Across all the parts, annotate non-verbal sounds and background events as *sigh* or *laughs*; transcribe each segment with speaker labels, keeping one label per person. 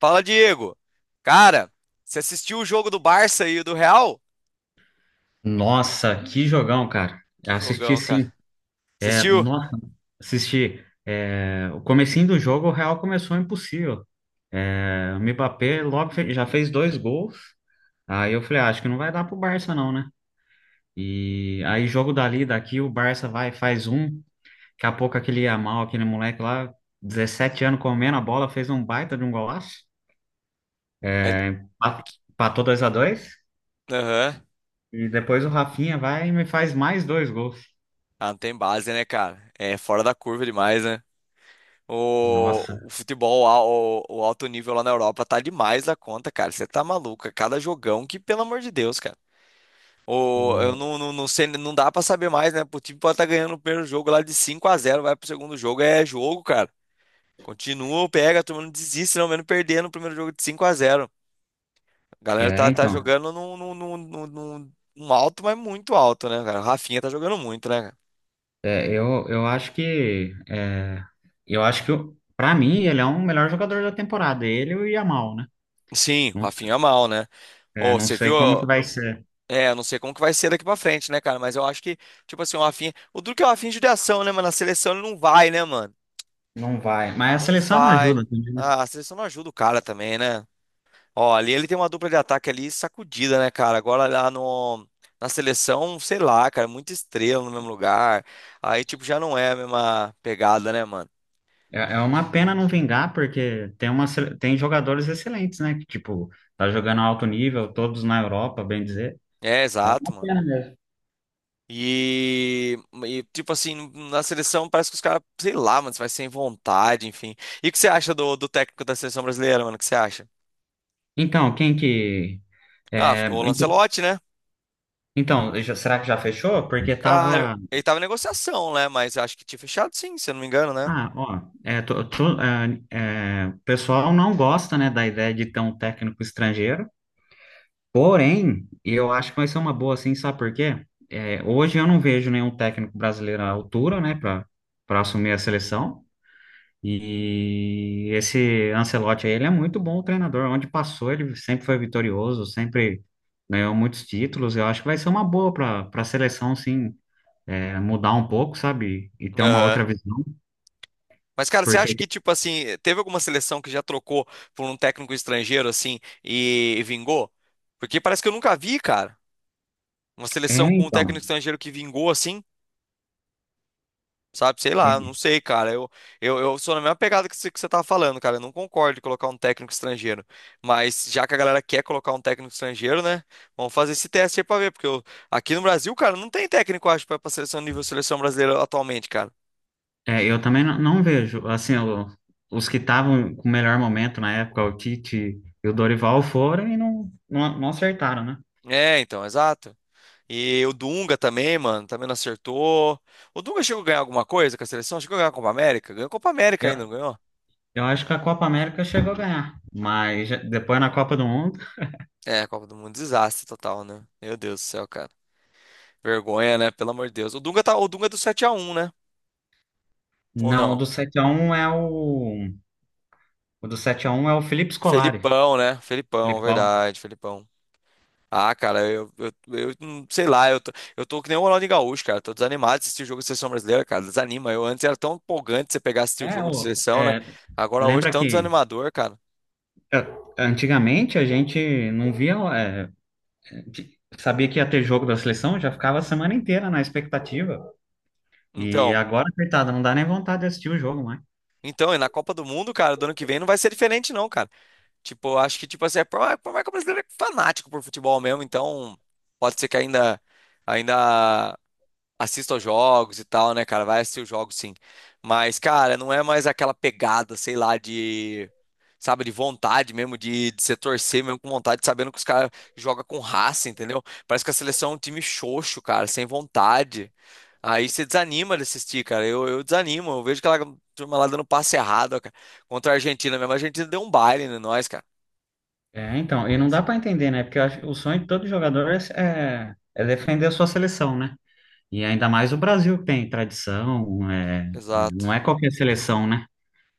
Speaker 1: Fala, Diego. Cara, você assistiu o jogo do Barça e o do Real?
Speaker 2: Nossa, que jogão, cara.
Speaker 1: Que
Speaker 2: Assisti
Speaker 1: jogão, cara.
Speaker 2: sim. É,
Speaker 1: Assistiu?
Speaker 2: nossa, assisti. É, o comecinho do jogo, o Real começou impossível. É, o Mbappé logo já fez dois gols. Aí eu falei, ah, acho que não vai dar pro Barça não, né? E aí jogo dali, daqui, o Barça vai, faz um. Daqui a pouco aquele Yamal, aquele moleque lá, 17 anos comendo a bola, fez um baita de um golaço.
Speaker 1: Ele-
Speaker 2: Pa- Empatou 2x2.
Speaker 1: Aham.
Speaker 2: E depois o Rafinha vai e me faz mais dois gols.
Speaker 1: Ah, não tem base, né, cara? É fora da curva demais, né? O,
Speaker 2: Nossa,
Speaker 1: o futebol, o alto nível lá na Europa tá demais da conta, cara. Você tá maluco. É cada jogão que, pelo amor de Deus, cara. O, eu
Speaker 2: o...
Speaker 1: não, não, não sei, não dá pra saber mais, né? O time pode estar ganhando o primeiro jogo lá de 5 a zero, vai pro segundo jogo, é jogo, cara. Continua, pega, a turma não desiste, não, mesmo perdendo o primeiro jogo de 5 a zero. A galera
Speaker 2: É,
Speaker 1: tá
Speaker 2: então.
Speaker 1: jogando num alto, mas muito alto, né, cara? O Rafinha tá jogando muito, né, cara?
Speaker 2: É, eu acho que para mim ele é um melhor jogador da temporada, ele e o Yamal, né?
Speaker 1: Sim, o
Speaker 2: Não,
Speaker 1: Rafinha é mal, né?
Speaker 2: é,
Speaker 1: Ô,
Speaker 2: não
Speaker 1: você
Speaker 2: sei
Speaker 1: viu?
Speaker 2: como que vai ser,
Speaker 1: É, eu não sei como que vai ser daqui pra frente, né, cara? Mas eu acho que, tipo assim, o Rafinha. O Duque é o Rafinha de judiação, né, mano? Na seleção ele não vai, né, mano?
Speaker 2: não vai. Mas a
Speaker 1: Não
Speaker 2: seleção não
Speaker 1: vai.
Speaker 2: ajuda também, né?
Speaker 1: Ah, a seleção não ajuda o cara também, né? Ó, ali ele tem uma dupla de ataque ali sacudida, né, cara? Agora lá no. Na seleção, sei lá, cara, é muita estrela no mesmo lugar. Aí, tipo, já não é a mesma pegada, né, mano?
Speaker 2: É, é uma pena não vingar porque tem tem jogadores excelentes, né? Que tipo tá jogando alto nível, todos na Europa, bem dizer.
Speaker 1: É,
Speaker 2: É
Speaker 1: exato,
Speaker 2: uma
Speaker 1: mano.
Speaker 2: pena mesmo.
Speaker 1: E, tipo assim, na seleção parece que os caras, sei lá, mano, vai sem vontade, enfim. E o que você acha do técnico da seleção brasileira, mano? O que você acha?
Speaker 2: Então, quem que
Speaker 1: Ah,
Speaker 2: é,
Speaker 1: ficou o Lancelotti, né?
Speaker 2: então, será que já fechou? Porque
Speaker 1: Cara,
Speaker 2: tava.
Speaker 1: ele tava em negociação, né? Mas acho que tinha fechado sim, se eu não me engano, né?
Speaker 2: Ah, ó, é, o pessoal não gosta, né, da ideia de ter um técnico estrangeiro, porém, eu acho que vai ser uma boa, assim, sabe por quê? É, hoje eu não vejo nenhum técnico brasileiro à altura, né, para assumir a seleção, e esse Ancelotti aí, ele é muito bom treinador, onde passou ele sempre foi vitorioso, sempre ganhou muitos títulos, eu acho que vai ser uma boa para a seleção, sim, é, mudar um pouco, sabe, e ter uma
Speaker 1: Aham.
Speaker 2: outra visão,
Speaker 1: Mas, cara, você acha
Speaker 2: porque,
Speaker 1: que, tipo assim, teve alguma seleção que já trocou por um técnico estrangeiro, assim, e vingou? Porque parece que eu nunca vi, cara, uma seleção
Speaker 2: é,
Speaker 1: com um técnico
Speaker 2: então...
Speaker 1: estrangeiro que vingou, assim. Sabe, sei lá, não
Speaker 2: é
Speaker 1: sei, cara. Eu sou na mesma pegada que você tá falando, cara. Eu não concordo em colocar um técnico estrangeiro. Mas já que a galera quer colocar um técnico estrangeiro, né? Vamos fazer esse teste aí pra ver. Aqui no Brasil, cara, não tem técnico, eu acho, pra seleção nível seleção brasileira atualmente, cara.
Speaker 2: É, eu também não vejo. Assim, os que estavam com o melhor momento na época, o Tite e o Dorival, foram e não acertaram, né?
Speaker 1: É, então, exato. E o Dunga também, mano, também não acertou. O Dunga chegou a ganhar alguma coisa com a seleção? Chegou a ganhar a Copa América? Ganhou a Copa América
Speaker 2: Eu,
Speaker 1: ainda, não ganhou?
Speaker 2: eu acho que a Copa América chegou a ganhar, mas depois na Copa do Mundo.
Speaker 1: É, a Copa do Mundo, desastre total, né? Meu Deus do céu, cara. Vergonha, né? Pelo amor de Deus. O Dunga tá, o Dunga é do sete a um, né? Ou
Speaker 2: Não, o
Speaker 1: não?
Speaker 2: do 7-1 é o. O do sete a um é o Felipe Scolari.
Speaker 1: Felipão, né? Felipão,
Speaker 2: Felipão.
Speaker 1: verdade, Felipão. Ah, cara, eu não- sei lá, eu tô que nem o Ronaldinho Gaúcho, cara. Tô desanimado de assistir o jogo da seleção brasileira, cara. Desanima. Eu antes era tão empolgante você pegar e assistir o
Speaker 2: É,
Speaker 1: jogo da seleção, né? Agora hoje
Speaker 2: lembra
Speaker 1: tão
Speaker 2: que
Speaker 1: desanimador, cara.
Speaker 2: é, antigamente a gente não via. Sabia que ia ter jogo da seleção, já ficava a semana inteira na expectativa. E
Speaker 1: Então,
Speaker 2: agora, coitada, não dá nem vontade de assistir o jogo, né?
Speaker 1: e na Copa do Mundo, cara, do ano que vem não vai ser diferente, não, cara. Tipo, eu acho que, tipo assim, é por mais que o brasileiro é fanático por futebol mesmo, então pode ser que ainda. Ainda. Assisto aos jogos e tal, né, cara? Vai assistir os jogos, sim. Mas, cara, não é mais aquela pegada, sei lá, de. Sabe, de vontade mesmo, de se torcer mesmo com vontade, sabendo que os caras jogam com raça, entendeu? Parece que a seleção é um time xoxo, cara, sem vontade. Aí você desanima de assistir, cara. Eu desanimo. Eu vejo aquela turma lá dando passe errado, ó, cara. Contra a Argentina mesmo. A Argentina deu um baile em nós, cara.
Speaker 2: É, então, e não
Speaker 1: Isso.
Speaker 2: dá pra entender, né? Porque eu acho, que o sonho de todo jogador é defender a sua seleção, né? E ainda mais o Brasil que tem tradição,
Speaker 1: Exato.
Speaker 2: não é qualquer seleção, né?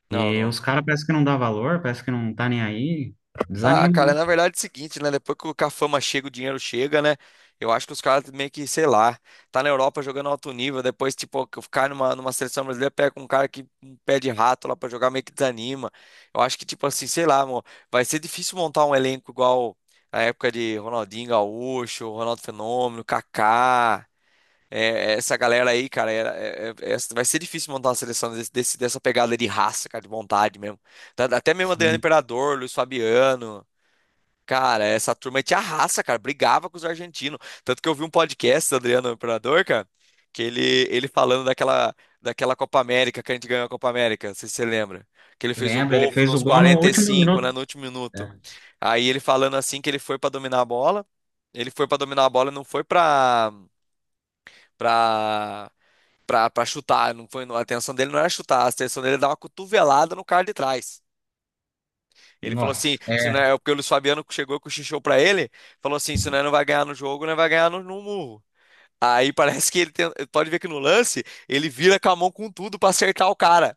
Speaker 1: Não,
Speaker 2: E
Speaker 1: não.
Speaker 2: os caras parece que não dá valor, parece que não tá nem aí,
Speaker 1: Ah,
Speaker 2: desanima,
Speaker 1: cara,
Speaker 2: né?
Speaker 1: na verdade é o seguinte, né? Depois que a fama chega, o dinheiro chega, né? Eu acho que os caras meio que, sei lá, tá na Europa jogando alto nível, depois, tipo, que ficar numa seleção brasileira, pega um cara que um pé de rato lá pra jogar, meio que desanima. Eu acho que, tipo assim, sei lá, amor, vai ser difícil montar um elenco igual a época de Ronaldinho Gaúcho, Ronaldo Fenômeno, Kaká, é, essa galera aí, cara, vai ser difícil montar uma seleção dessa pegada de raça, cara, de vontade mesmo. Até mesmo Adriano
Speaker 2: Sim.
Speaker 1: Imperador, Luiz Fabiano. Cara, essa turma te arrasa, cara. Brigava com os argentinos. Tanto que eu vi um podcast do Adriano Imperador, cara, que ele, ele falando daquela Copa América, que a gente ganhou a Copa América, não sei se você lembra. Que ele fez o
Speaker 2: Lembra, ele
Speaker 1: gol
Speaker 2: fez o
Speaker 1: nos
Speaker 2: gol no último
Speaker 1: 45,
Speaker 2: minuto.
Speaker 1: né, no último minuto.
Speaker 2: É.
Speaker 1: Aí ele falando assim que ele foi pra dominar a bola. Ele foi pra dominar a bola, não foi pra pra para chutar, não foi, a atenção dele não era chutar, a atenção dele era dar uma cotovelada no cara de trás. Ele falou assim,
Speaker 2: Nossa.
Speaker 1: se não é porque o Luiz Fabiano chegou com o xixô pra ele, falou assim, se não vai ganhar no jogo, não é, vai ganhar no, no murro. Aí *laughs* parece que pode ver que no lance ele vira com a mão com tudo pra acertar o cara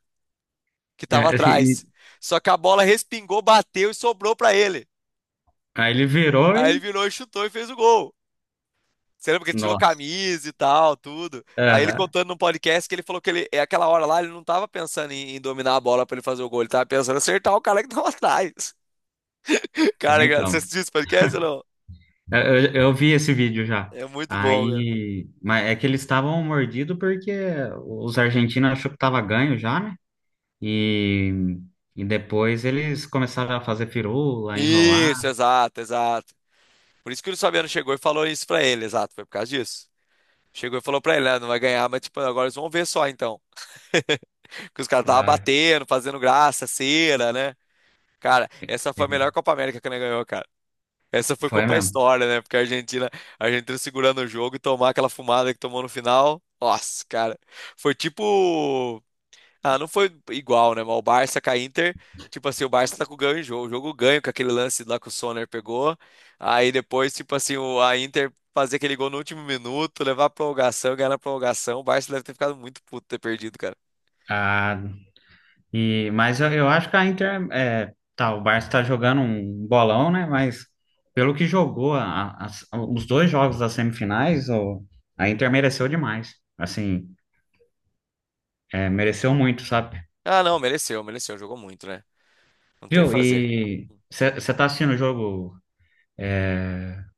Speaker 1: que tava
Speaker 2: é, e-
Speaker 1: atrás. Só que a bola respingou, bateu e sobrou pra ele.
Speaker 2: Aí ele virou
Speaker 1: Aí ele
Speaker 2: e.
Speaker 1: virou e chutou e fez o gol. Você lembra que ele tirou a
Speaker 2: Nossa.
Speaker 1: camisa e tal, tudo. Aí ele
Speaker 2: Aham.
Speaker 1: contando no podcast que ele falou que ele, é aquela hora lá, ele não tava pensando em dominar a bola pra ele fazer o gol, ele tava pensando em acertar o cara que tava atrás. *laughs*
Speaker 2: É,
Speaker 1: Cara, você
Speaker 2: então.
Speaker 1: assistiu esse podcast ou não?
Speaker 2: Eu, eu vi esse vídeo já.
Speaker 1: É muito bom, cara.
Speaker 2: Aí, mas é que eles estavam mordidos porque os argentinos achou que tava ganho já, né? E, e depois eles começaram a fazer firula, enrolar.
Speaker 1: Isso, exato, exato. Por isso que o Luciano chegou e falou isso pra ele, exato, foi por causa disso. Chegou e falou pra ele, né, não vai ganhar, mas tipo, agora eles vão ver só então. Que os caras tava
Speaker 2: Ah,
Speaker 1: batendo, fazendo graça, cera, né? Cara, essa foi a melhor
Speaker 2: é.
Speaker 1: Copa América que ele ganhou, cara. Essa foi
Speaker 2: Foi
Speaker 1: Copa
Speaker 2: mesmo.
Speaker 1: História, né? Porque a Argentina segurando o jogo e tomar aquela fumada que tomou no final. Nossa, cara. Foi tipo ah, não foi igual, né? Mas o Barça com a Inter, tipo assim, o Barça tá com ganho em jogo. O jogo ganho com aquele lance lá que o Sonner pegou. Aí depois, tipo assim, a Inter fazer aquele gol no último minuto, levar a prorrogação, ganhar na prorrogação. O Barça deve ter ficado muito puto ter perdido, cara.
Speaker 2: Ah, e, mas eu acho que a Inter, é, tá, o Barça tá jogando um bolão, né? Mas pelo que jogou os dois jogos das semifinais, a Inter mereceu demais. Assim, é, mereceu muito, sabe?
Speaker 1: Ah, não, mereceu, mereceu. Jogou muito, né? Não tem o que
Speaker 2: Viu?
Speaker 1: fazer.
Speaker 2: E você tá assistindo o jogo?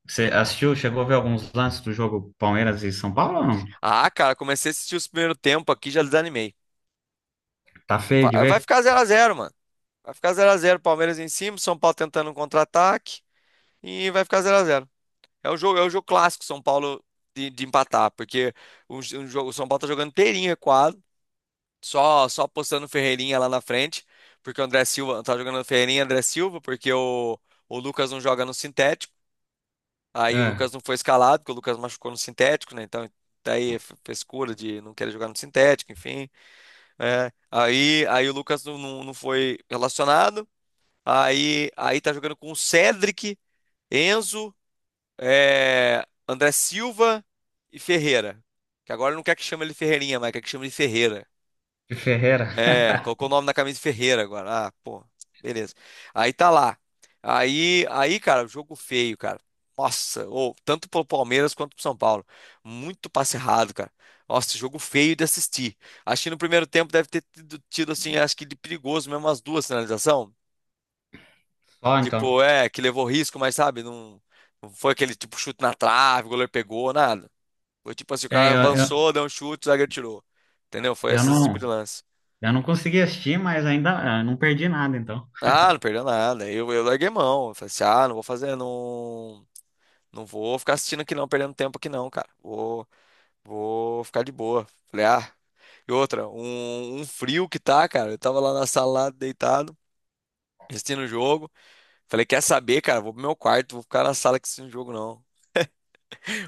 Speaker 2: Você assistiu? Chegou a ver alguns lances do jogo Palmeiras e São Paulo ou não?
Speaker 1: Ah, cara, comecei a assistir os primeiros tempo aqui, já desanimei.
Speaker 2: Tá feio
Speaker 1: Vai,
Speaker 2: de
Speaker 1: vai
Speaker 2: ver?
Speaker 1: ficar zero a zero, mano. Vai ficar zero a zero, Palmeiras em cima, São Paulo tentando um contra-ataque e vai ficar zero a zero. É o jogo clássico São Paulo de empatar, porque o São Paulo tá jogando inteirinho recuado, só postando o Ferreirinha lá na frente, porque o André Silva tá jogando o Ferreirinha e André Silva, porque o Lucas não joga no sintético. Aí o
Speaker 2: É,
Speaker 1: Lucas não foi escalado, porque o Lucas machucou no sintético, né? Então daí é frescura de não querer jogar no sintético, enfim. Né? Aí aí o Lucas não foi relacionado. Aí, aí tá jogando com o Cedric, Enzo, é, André Silva e Ferreira. Que agora não quer que chame ele Ferreirinha, mas quer que chame ele Ferreira.
Speaker 2: de Ferreira.
Speaker 1: É, colocou o nome na camisa de Ferreira agora. Ah, pô, beleza. Aí tá lá. Aí, aí, cara, jogo feio, cara. Nossa, ou tanto pro Palmeiras quanto pro São Paulo. Muito passe errado, cara. Nossa, jogo feio de assistir. Acho que no primeiro tempo deve ter assim, acho que de perigoso mesmo, umas duas finalizações.
Speaker 2: *laughs* Só então.
Speaker 1: Tipo, é, que levou risco, mas sabe, não, não foi aquele tipo chute na trave, o goleiro pegou, nada. Foi tipo assim, o
Speaker 2: É,
Speaker 1: cara avançou, deu um chute, o zagueiro tirou. Entendeu? Foi
Speaker 2: eu
Speaker 1: esse tipo de
Speaker 2: não,
Speaker 1: lance.
Speaker 2: eu não consegui assistir, mas ainda não perdi nada, então.
Speaker 1: Ah, não perdeu nada. Eu larguei mão. Eu falei assim, ah, não vou ficar assistindo aqui não, perdendo tempo aqui não, cara. Vou ficar de boa. Falei, ah. E outra, um frio que tá, cara. Eu tava lá na sala, lá, deitado, assistindo o jogo. Falei, quer saber, cara? Vou pro meu quarto, vou ficar na sala aqui assistindo o jogo, não.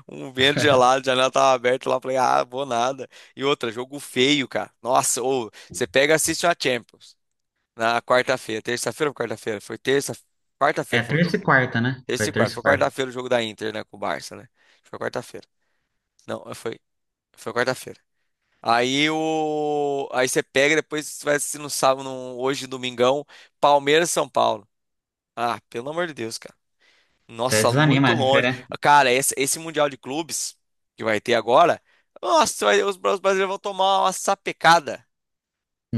Speaker 1: Um vento gelado, a janela tava aberta lá, eu falei, ah, vou nada. E outra, jogo feio, cara. Nossa, ou você pega e assiste a Champions na quarta-feira, terça-feira ou quarta-feira? Foi terça, quarta-feira
Speaker 2: É
Speaker 1: foi o
Speaker 2: terça
Speaker 1: jogo
Speaker 2: e
Speaker 1: do Barça.
Speaker 2: quarta, né?
Speaker 1: Terça
Speaker 2: Foi
Speaker 1: e
Speaker 2: terça e
Speaker 1: foi
Speaker 2: quarta.
Speaker 1: quarta-feira o jogo da Inter, né, com o Barça, né? Foi quarta-feira. Não, foi, foi quarta-feira. Aí você pega e depois você vai assistir no sábado, hoje, domingão, Palmeiras e São Paulo. Ah, pelo amor de Deus, cara.
Speaker 2: Até
Speaker 1: Nossa,
Speaker 2: desanima
Speaker 1: muito
Speaker 2: a
Speaker 1: longe.
Speaker 2: diferença.
Speaker 1: Cara, esse Mundial de Clubes que vai ter agora, nossa, os os brasileiros vão tomar uma sapecada.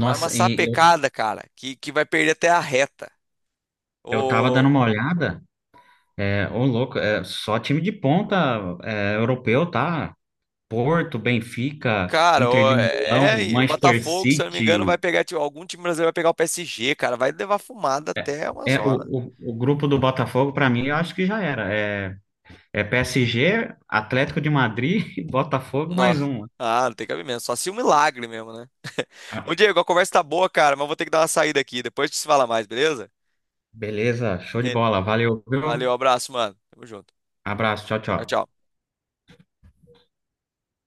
Speaker 1: Mas uma
Speaker 2: e eu,
Speaker 1: sapecada, cara, que vai perder até a reta.
Speaker 2: eu tava dando
Speaker 1: O,
Speaker 2: uma olhada. É, ô louco, é, só time de ponta é, europeu, tá? Porto, Benfica,
Speaker 1: cara,
Speaker 2: Inter de Milão,
Speaker 1: e o
Speaker 2: Manchester
Speaker 1: Botafogo, se eu não me engano, vai
Speaker 2: City.
Speaker 1: pegar, tipo, algum time brasileiro vai pegar o PSG, cara, vai levar fumada até umas
Speaker 2: É,
Speaker 1: horas.
Speaker 2: o grupo do Botafogo, para mim, eu acho que já era. É, PSG, Atlético de Madrid, *laughs* e Botafogo, mais
Speaker 1: Nossa.
Speaker 2: um.
Speaker 1: Ah, não tem cabimento, só se um milagre mesmo, né?
Speaker 2: Ah,
Speaker 1: Ô, Diego, a conversa tá boa, cara, mas vou ter que dar uma saída aqui. Depois a gente se fala mais, beleza?
Speaker 2: beleza, show de bola. Valeu,
Speaker 1: Valeu,
Speaker 2: viu?
Speaker 1: abraço, mano. Tamo junto.
Speaker 2: Abraço, tchau,
Speaker 1: Tchau,
Speaker 2: tchau.
Speaker 1: tchau.